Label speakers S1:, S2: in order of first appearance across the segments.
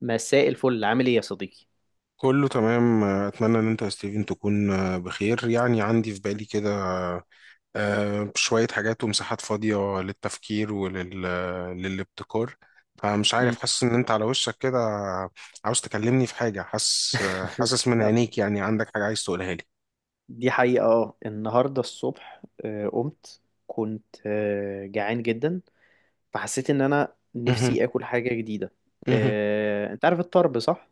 S1: مساء الفل، عامل ايه يا صديقي؟
S2: كله تمام. اتمنى ان انت يا ستيفن تكون بخير. يعني عندي في بالي كده شوية حاجات ومساحات فاضية للتفكير للابتكار. فمش عارف،
S1: مم.
S2: حاسس ان انت على وشك كده عاوز تكلمني في حاجة. حاسس حاسس من
S1: آه.
S2: عينيك، يعني عندك حاجة عايز تقولها لي.
S1: دي حقيقة. اه، النهاردة الصبح قمت، كنت جعان جدا. فحسيت ان انا
S2: مهم.
S1: نفسي اكل حاجة جديدة.
S2: مهم.
S1: انت عارف الطرب، صح؟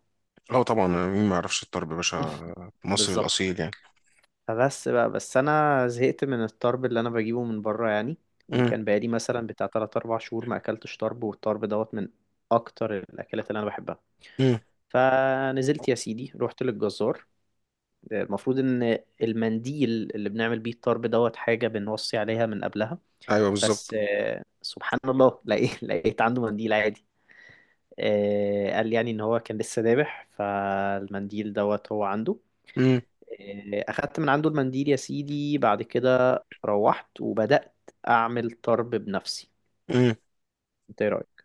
S2: اه طبعا، مين ما يعرفش الطرب يا باشا؟ مصري
S1: بالظبط.
S2: الأصيل يعني.
S1: فبس بقى، بس انا زهقت من الطرب اللي انا بجيبه من بره يعني.
S2: مم.
S1: وكان بقالي مثلا بتاع 3 4 شهور ما اكلتش طرب، والطرب دوت من اكتر الاكلات اللي انا بحبها.
S2: مم.
S1: فنزلت يا سيدي، رحت للجزار. المفروض ان المنديل اللي بنعمل بيه الطرب دوت حاجة بنوصي عليها من قبلها.
S2: ايوه
S1: بس
S2: بالظبط.
S1: سبحان الله، لقيت عنده منديل عادي. قال يعني ان هو كان لسه ذابح، فالمنديل دوت هو عنده.
S2: مم.
S1: اخدت من عنده المنديل يا سيدي، بعد كده روحت وبدأت اعمل طرب بنفسي. انت ايه رأيك؟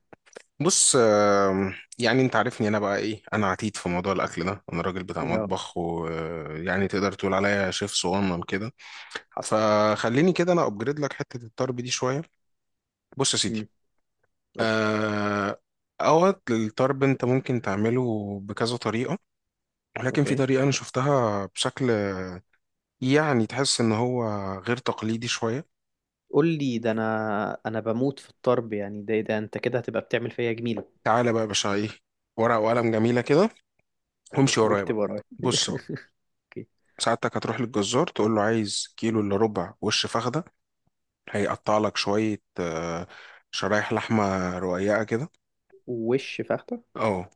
S2: بص، يعني انت عارفني انا بقى ايه، انا عتيد في موضوع الاكل ده، انا راجل بتاع
S1: اه،
S2: مطبخ، ويعني تقدر تقول عليا شيف صغنن كده.
S1: حصل.
S2: فخليني كده انا ابجريد لك حته الطرب دي شويه. بص يا سيدي.
S1: امم قول لي.
S2: آه، اوقات الطرب انت ممكن تعمله بكذا طريقه، ولكن في
S1: اوكي،
S2: طريقه انا شفتها بشكل يعني تحس ان هو غير تقليدي شويه.
S1: قول لي. ده انا بموت في الطرب يعني، ده انت كده هتبقى بتعمل فيا جميلة.
S2: تعالى بقى يا باشا، ايه، ورقه وقلم جميله كده، وامشي ورايا
S1: واكتب
S2: بقى.
S1: ورايا.
S2: بص بقى.
S1: اوكي.
S2: ساعتك هتروح للجزار تقول له عايز كيلو الا ربع وش فخده، هيقطع لك شويه شرايح لحمه رقيقه كده.
S1: وش فخدة.
S2: اه.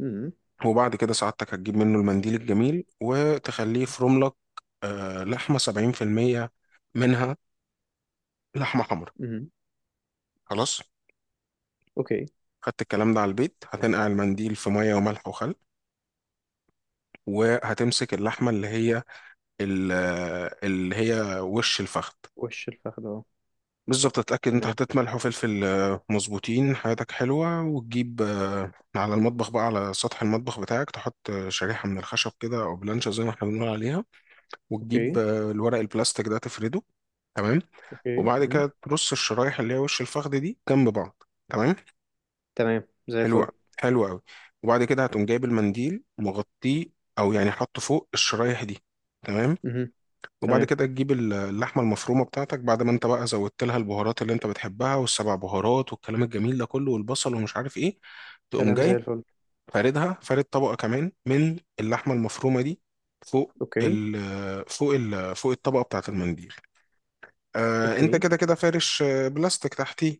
S1: امم.
S2: وبعد كده ساعتك هتجيب منه المنديل الجميل وتخليه يفرم لك لحمه 70% منها لحمه حمرا.
S1: امم.
S2: خلاص.
S1: اوكي.
S2: خدت الكلام ده على البيت، هتنقع المنديل في ميه وملح وخل، وهتمسك اللحمه اللي هي اللي هي وش الفخذ،
S1: وش الفخدة. اه.
S2: بالظبط. تتأكد انت
S1: تمام.
S2: حطيت ملح وفلفل مظبوطين، حياتك حلوة. وتجيب على المطبخ بقى، على سطح المطبخ بتاعك تحط شريحة من الخشب كده أو بلانشة زي ما احنا بنقول عليها. وتجيب
S1: اوكي.
S2: الورق البلاستيك ده تفرده. تمام.
S1: اوكي.
S2: وبعد
S1: امم.
S2: كده ترص الشرايح اللي هي وش الفخذ دي جنب بعض. تمام.
S1: تمام، زي
S2: حلو أوي،
S1: الفل.
S2: حلو أوي. وبعد كده هتقوم جايب المنديل مغطيه، أو يعني حطه فوق الشرايح دي. تمام.
S1: امم.
S2: وبعد
S1: تمام.
S2: كده تجيب اللحمة المفرومة بتاعتك، بعد ما انت بقى زودت لها البهارات اللي انت بتحبها، والسبع بهارات والكلام الجميل ده كله، والبصل ومش عارف ايه، تقوم
S1: كلام زي
S2: جاي
S1: الفل.
S2: فاردها، فارد طبقة كمان من اللحمة المفرومة دي فوق
S1: اوكي.
S2: ال فوق ال فوق الطبقة بتاعة المنديل. انت
S1: اوكي.
S2: كده فارش بلاستيك تحتيه،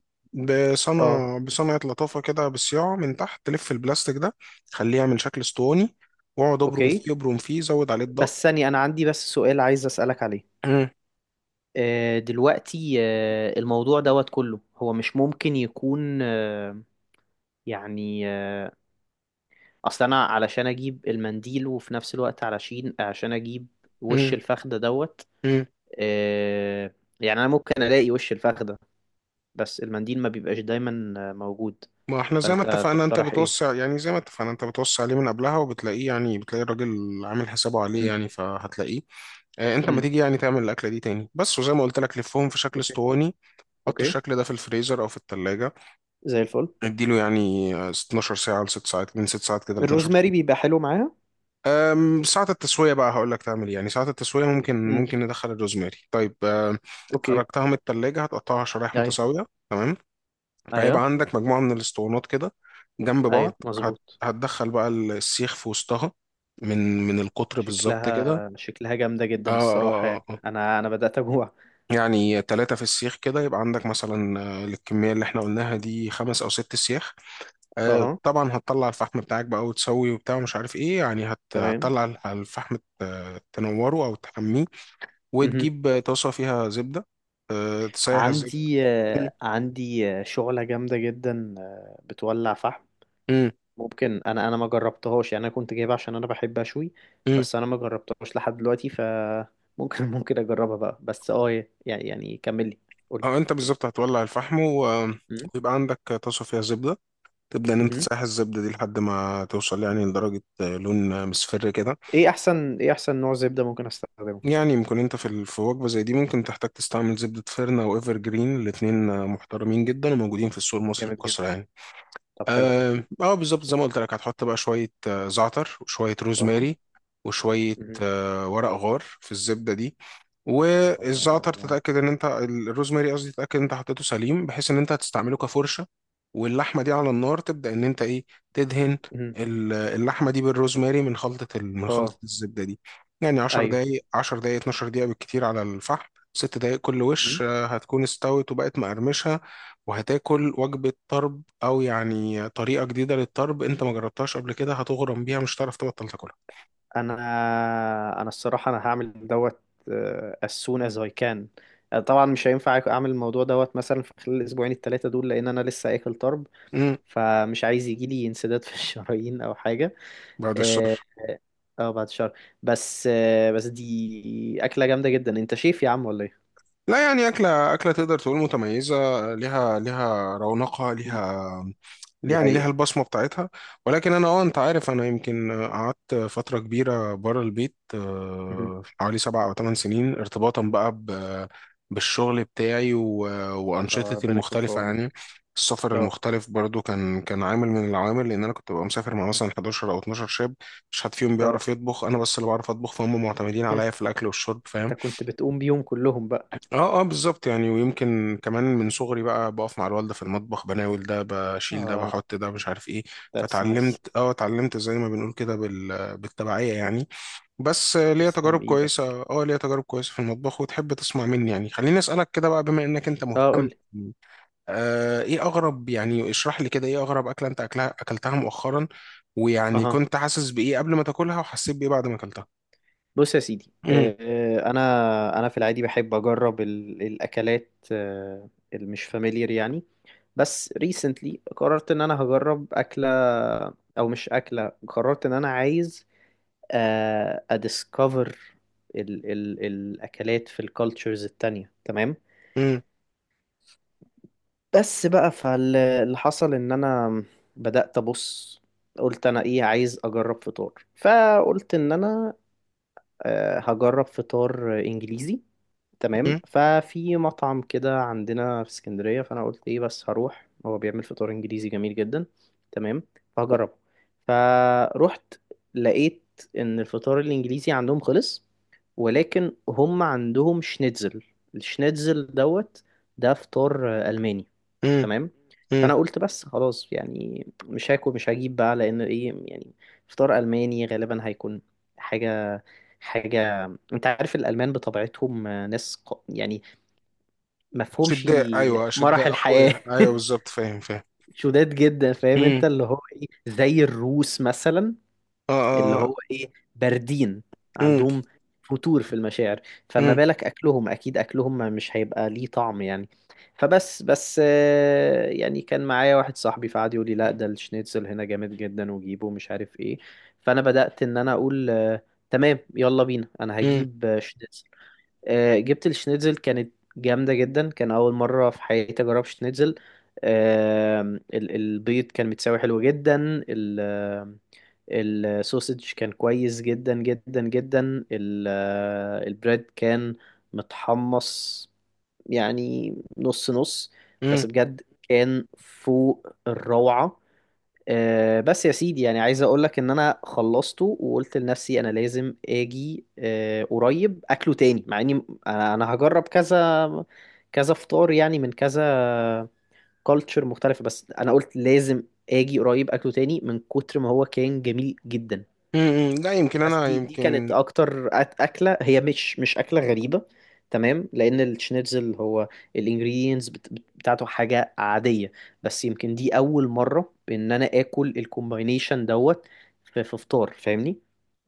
S1: اه.
S2: بصنعة لطافة كده بالصياعة، من تحت تلف البلاستيك ده، خليه يعمل شكل اسطواني، واقعد ابرم
S1: اوكي.
S2: فيه ابرم فيه، زود عليه الضغط.
S1: بس ثانية، انا عندي بس سؤال عايز اسألك عليه.
S2: مم،
S1: دلوقتي، الموضوع دوت كله هو مش ممكن يكون يعني اصل انا علشان اجيب المنديل، وفي نفس الوقت علشان اجيب وش
S2: مم،
S1: الفخدة دوت.
S2: مم.
S1: يعني انا ممكن الاقي وش الفخدة، بس المنديل ما بيبقاش دايما موجود.
S2: ما احنا زي ما
S1: فانت
S2: اتفقنا انت
S1: تقترح ايه؟
S2: بتوسع، يعني زي ما اتفقنا انت بتوسع عليه من قبلها، وبتلاقيه، يعني بتلاقي الراجل عامل حسابه عليه،
S1: امم.
S2: يعني فهتلاقيه. اه، انت ما
S1: امم.
S2: تيجي يعني تعمل الاكله دي تاني، بس وزي ما قلت لك لفهم في شكل
S1: اوكي.
S2: اسطواني. حط
S1: اوكي.
S2: الشكل ده في الفريزر او في التلاجة،
S1: زي الفل.
S2: اديله يعني 12 ساعه ل 6 ساعات، من 6 ساعات كده ل 12.
S1: الروزماري بيبقى حلو معاها.
S2: ساعه التسويه بقى هقول لك تعمل ايه. يعني ساعه التسويه ممكن
S1: امم.
S2: ممكن ندخل الروزماري. طيب.
S1: اوكي.
S2: خرجتها من التلاجة، هتقطعها شرايح
S1: ايوه.
S2: متساويه. تمام. فهيبقى
S1: ايوه.
S2: عندك مجموعة من الاسطوانات كده جنب
S1: ايوه
S2: بعض،
S1: مظبوط.
S2: هتدخل بقى السيخ في وسطها، من القطر بالظبط كده.
S1: شكلها جامدة
S2: آه،
S1: جدا الصراحة،
S2: آه،
S1: يعني
S2: آه، آه.
S1: انا بدأت اجوع.
S2: يعني 3 في السيخ كده، يبقى عندك مثلا للكمية اللي احنا قلناها دي 5 أو 6 سياخ. آه
S1: اها.
S2: طبعا، هتطلع الفحم بتاعك بقى وتسوي وبتاع ومش عارف ايه، يعني
S1: تمام.
S2: هتطلع الفحم تنوره أو تحميه،
S1: مهم.
S2: وتجيب طاسة فيها زبدة. تسيح الزبدة.
S1: عندي شعلة جامدة جدا بتولع فحم.
S2: مم.
S1: ممكن انا ما جربتهاش، يعني انا كنت جايبها عشان انا بحب اشوي.
S2: مم.
S1: بس انا ما جربتهاش لحد دلوقتي، ف... ممكن ممكن اجربها بقى بس اه، يعني كملي. قولي.
S2: اه، انت بالظبط هتولع الفحم،
S1: امم.
S2: ويبقى عندك طاسه فيها زبده، تبدا ان انت
S1: امم.
S2: تسيح الزبده دي لحد ما توصل يعني لدرجه لون مصفر كده.
S1: ايه احسن نوع زبدة ممكن استخدمه؟
S2: يعني ممكن انت في في وجبه زي دي ممكن تحتاج تستعمل زبده فيرنا او ايفر جرين، الاثنين محترمين جدا وموجودين في السوق المصري
S1: جامد جدا.
S2: بكثره يعني.
S1: طب حلو.
S2: اه، بالظبط زي ما قلت لك هتحط بقى شوية زعتر وشوية
S1: اه.
S2: روزماري، وشوية
S1: امم.
S2: ورق غار في الزبدة دي.
S1: اه. ورق
S2: والزعتر
S1: لورا.
S2: تتأكد ان انت الروزماري، قصدي، تتأكد ان انت حطيته سليم، بحيث ان انت هتستعمله كفرشة. واللحمة دي على النار، تبدأ ان انت ايه، تدهن
S1: امم.
S2: اللحمة دي بالروزماري من خلطة من خلطة
S1: اه.
S2: الزبدة دي. يعني 10
S1: ايوه.
S2: دقايق، 10 دقايق، 12 دقيقة بالكتير على الفحم، 6 دقايق كل
S1: امم.
S2: وش هتكون استوت وبقت مقرمشة، وهتاكل وجبة طرب. او يعني طريقه جديده للطرب انت ما جربتهاش قبل كده، هتغرم بيها مش هتعرف تبطل تاكلها.
S1: انا انا الصراحة انا هعمل دوت، as soon as I can. طبعا مش هينفع اعمل الموضوع دوت مثلا في خلال الاسبوعين الثلاثة دول، لان انا لسه اكل طرب.
S2: امم.
S1: فمش عايز يجي لي انسداد في الشرايين او حاجه.
S2: بعد
S1: اه.
S2: الشر.
S1: بعد شهر. بس دي اكله جامده جدا. انت شيف يا عم ولا ايه؟
S2: لا، يعني أكلة تقدر تقول متميزة، ليها رونقها،
S1: مم.
S2: ليها،
S1: دي
S2: يعني ليها
S1: حقيقه.
S2: البصمة بتاعتها. ولكن أنا أنت عارف، أنا يمكن قعدت فترة كبيرة بره البيت،
S1: مهم.
S2: حوالي 7 أو 8 سنين، ارتباطا بقى بالشغل بتاعي، وأنشطتي
S1: ربنا يكون في
S2: المختلفة
S1: عونك.
S2: يعني. السفر
S1: اه،
S2: المختلف برضو كان عامل من العوامل، لأن أنا كنت ببقى مسافر مع مثلا 11 أو 12 شاب، مش حد فيهم
S1: اه.
S2: بيعرف يطبخ، أنا بس اللي بعرف أطبخ، فهم معتمدين عليا في الأكل والشرب.
S1: انت كنت بتقوم بيهم كلهم بقى؟
S2: اه. اه بالظبط. يعني ويمكن كمان من صغري بقى بقف مع الوالده في المطبخ، بناول ده، بشيل ده،
S1: اه.
S2: بحط ده، مش عارف ايه،
S1: That's nice.
S2: فتعلمت اه اتعلمت، زي ما بنقول كده بالتبعيه يعني. بس ليا تجارب
S1: تسلم ايدك.
S2: كويسه اه ليا تجارب كويسه في المطبخ. وتحب تسمع مني يعني؟ خليني اسالك كده بقى، بما انك انت
S1: اه، قول
S2: مهتم.
S1: لي.
S2: ايه اغرب، يعني اشرح لي كده ايه اغرب اكله انت اكلتها مؤخرا، ويعني
S1: اها.
S2: كنت حاسس بايه قبل ما تاكلها وحسيت بايه بعد ما اكلتها.
S1: بص يا سيدي،
S2: امم.
S1: انا في العادي بحب اجرب الاكلات اللي مش فاميليار يعني. بس ريسنتلي قررت ان انا هجرب اكله، او مش اكله، قررت ان انا عايز اديسكفر ال الاكلات في الكالتشرز التانية. تمام.
S2: امم.
S1: بس بقى، فاللي حصل ان انا بدأت ابص، قلت انا ايه عايز اجرب؟ فطار. فقلت ان انا هجرب فطار انجليزي. تمام.
S2: امم.
S1: ففي مطعم كده عندنا في اسكندرية، فأنا قلت إيه، بس هروح، هو بيعمل فطار إنجليزي جميل جدا. تمام فهجربه. فروحت، لقيت إن الفطار الإنجليزي عندهم خلص، ولكن هم عندهم شنيتزل. الشنيتزل دوت ده فطار ألماني.
S2: امم،
S1: تمام.
S2: امم.
S1: فأنا قلت بس خلاص، يعني مش هاكل، مش هجيب بقى، لأن إيه، يعني فطار ألماني غالبا هيكون حاجة، حاجة. انت عارف الألمان بطبيعتهم ناس يعني مفهومش
S2: شداء، ايوه
S1: مرح
S2: شداء
S1: الحياة.
S2: اخويا، ايوه بالظبط، فاهم، فاهم.
S1: شداد جدا، فاهم؟
S2: امم.
S1: انت اللي هو ايه، زي الروس مثلا،
S2: اه.
S1: اللي
S2: اه.
S1: هو ايه، باردين،
S2: امم.
S1: عندهم فتور في المشاعر. فما
S2: امم.
S1: بالك أكلهم، أكيد أكلهم مش هيبقى ليه طعم يعني. فبس يعني كان معايا واحد صاحبي فقعد يقول لي لا، ده الشنيتزل هنا جامد جدا، وجيبه، مش عارف ايه. فأنا بدأت إن أنا أقول تمام، يلا بينا، أنا
S2: امم.
S1: هجيب شنيتزل. جبت الشنيتزل، كانت جامدة جدا. كان أول مرة في حياتي أجرب شنيتزل. البيض كان متساوي، حلو جدا. ال- آم، السوسج كان كويس جدا جدا جدا. البريد كان متحمص يعني، نص نص،
S2: امم.
S1: بس بجد كان فوق الروعة. بس يا سيدي، يعني عايز اقول لك ان انا خلصته، وقلت لنفسي انا لازم اجي قريب اكله تاني، مع اني انا هجرب كذا كذا فطار، يعني من كذا كالتشر مختلفة، بس انا قلت لازم اجي قريب اكله تاني من كتر ما هو كان جميل جدا.
S2: امم. لا يمكن
S1: بس
S2: انا
S1: دي كانت
S2: يمكن
S1: اكتر اكله. هي مش اكله غريبه، تمام، لان الشنيتزل هو الانجريدينتس بتاعته حاجه عاديه، بس يمكن دي اول مره ان انا اكل الكومباينيشن دوت في فطار، فاهمني؟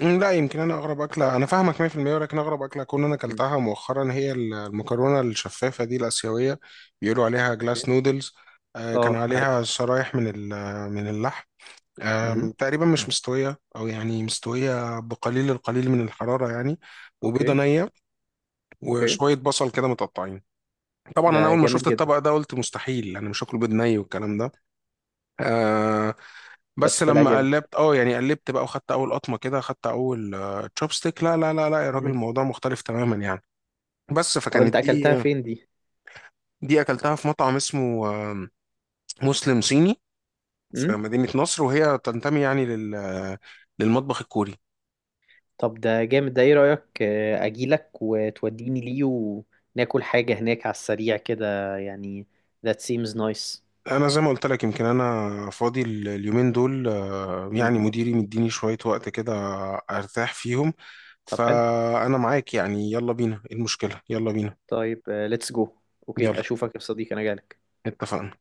S2: مم، لا يمكن انا اغرب اكله، انا فاهمك 100%، ولكن اغرب اكله اكون انا
S1: مم.
S2: اكلتها مؤخرا هي المكرونه الشفافه دي الاسيويه، بيقولوا عليها
S1: اوكي.
S2: جلاس نودلز. كان
S1: اه، عارف.
S2: عليها شرايح من اللحم،
S1: امم.
S2: تقريبا مش مستويه، او يعني مستويه بقليل القليل من الحراره يعني، وبيضه
S1: اوكي.
S2: نيه،
S1: اوكي.
S2: وشويه بصل كده متقطعين. طبعا انا
S1: ده
S2: اول ما
S1: جامد
S2: شفت
S1: جدا.
S2: الطبق ده قلت مستحيل انا مش هاكل بيض ني والكلام ده. آه
S1: بس
S2: بس
S1: طلع
S2: لما
S1: جامد.
S2: قلبت اه يعني قلبت بقى، وخدت اول قطمه كده، خدت اول تشوبستيك، لا لا لا لا يا راجل،
S1: مم.
S2: الموضوع مختلف تماما يعني. بس
S1: طب، انت
S2: فكانت
S1: اكلتها
S2: دي
S1: فين
S2: دي اكلتها في مطعم اسمه مسلم صيني
S1: دي؟
S2: في مدينه نصر، وهي تنتمي يعني لل آه، للمطبخ الكوري.
S1: طب ده جامد. ده ايه رأيك اجيلك وتوديني ليه وناكل حاجة هناك على السريع كده يعني؟ That seems nice.
S2: انا زي ما قلت لك يمكن انا فاضي اليومين دول،
S1: مم.
S2: يعني مديني شوية وقت كده ارتاح فيهم،
S1: طب حلو.
S2: فانا معاك. يعني يلا بينا، إيه المشكلة، يلا بينا.
S1: طيب، let's go. اوكي،
S2: يلا.
S1: اشوفك يا صديقي، انا جاي.
S2: اتفقنا.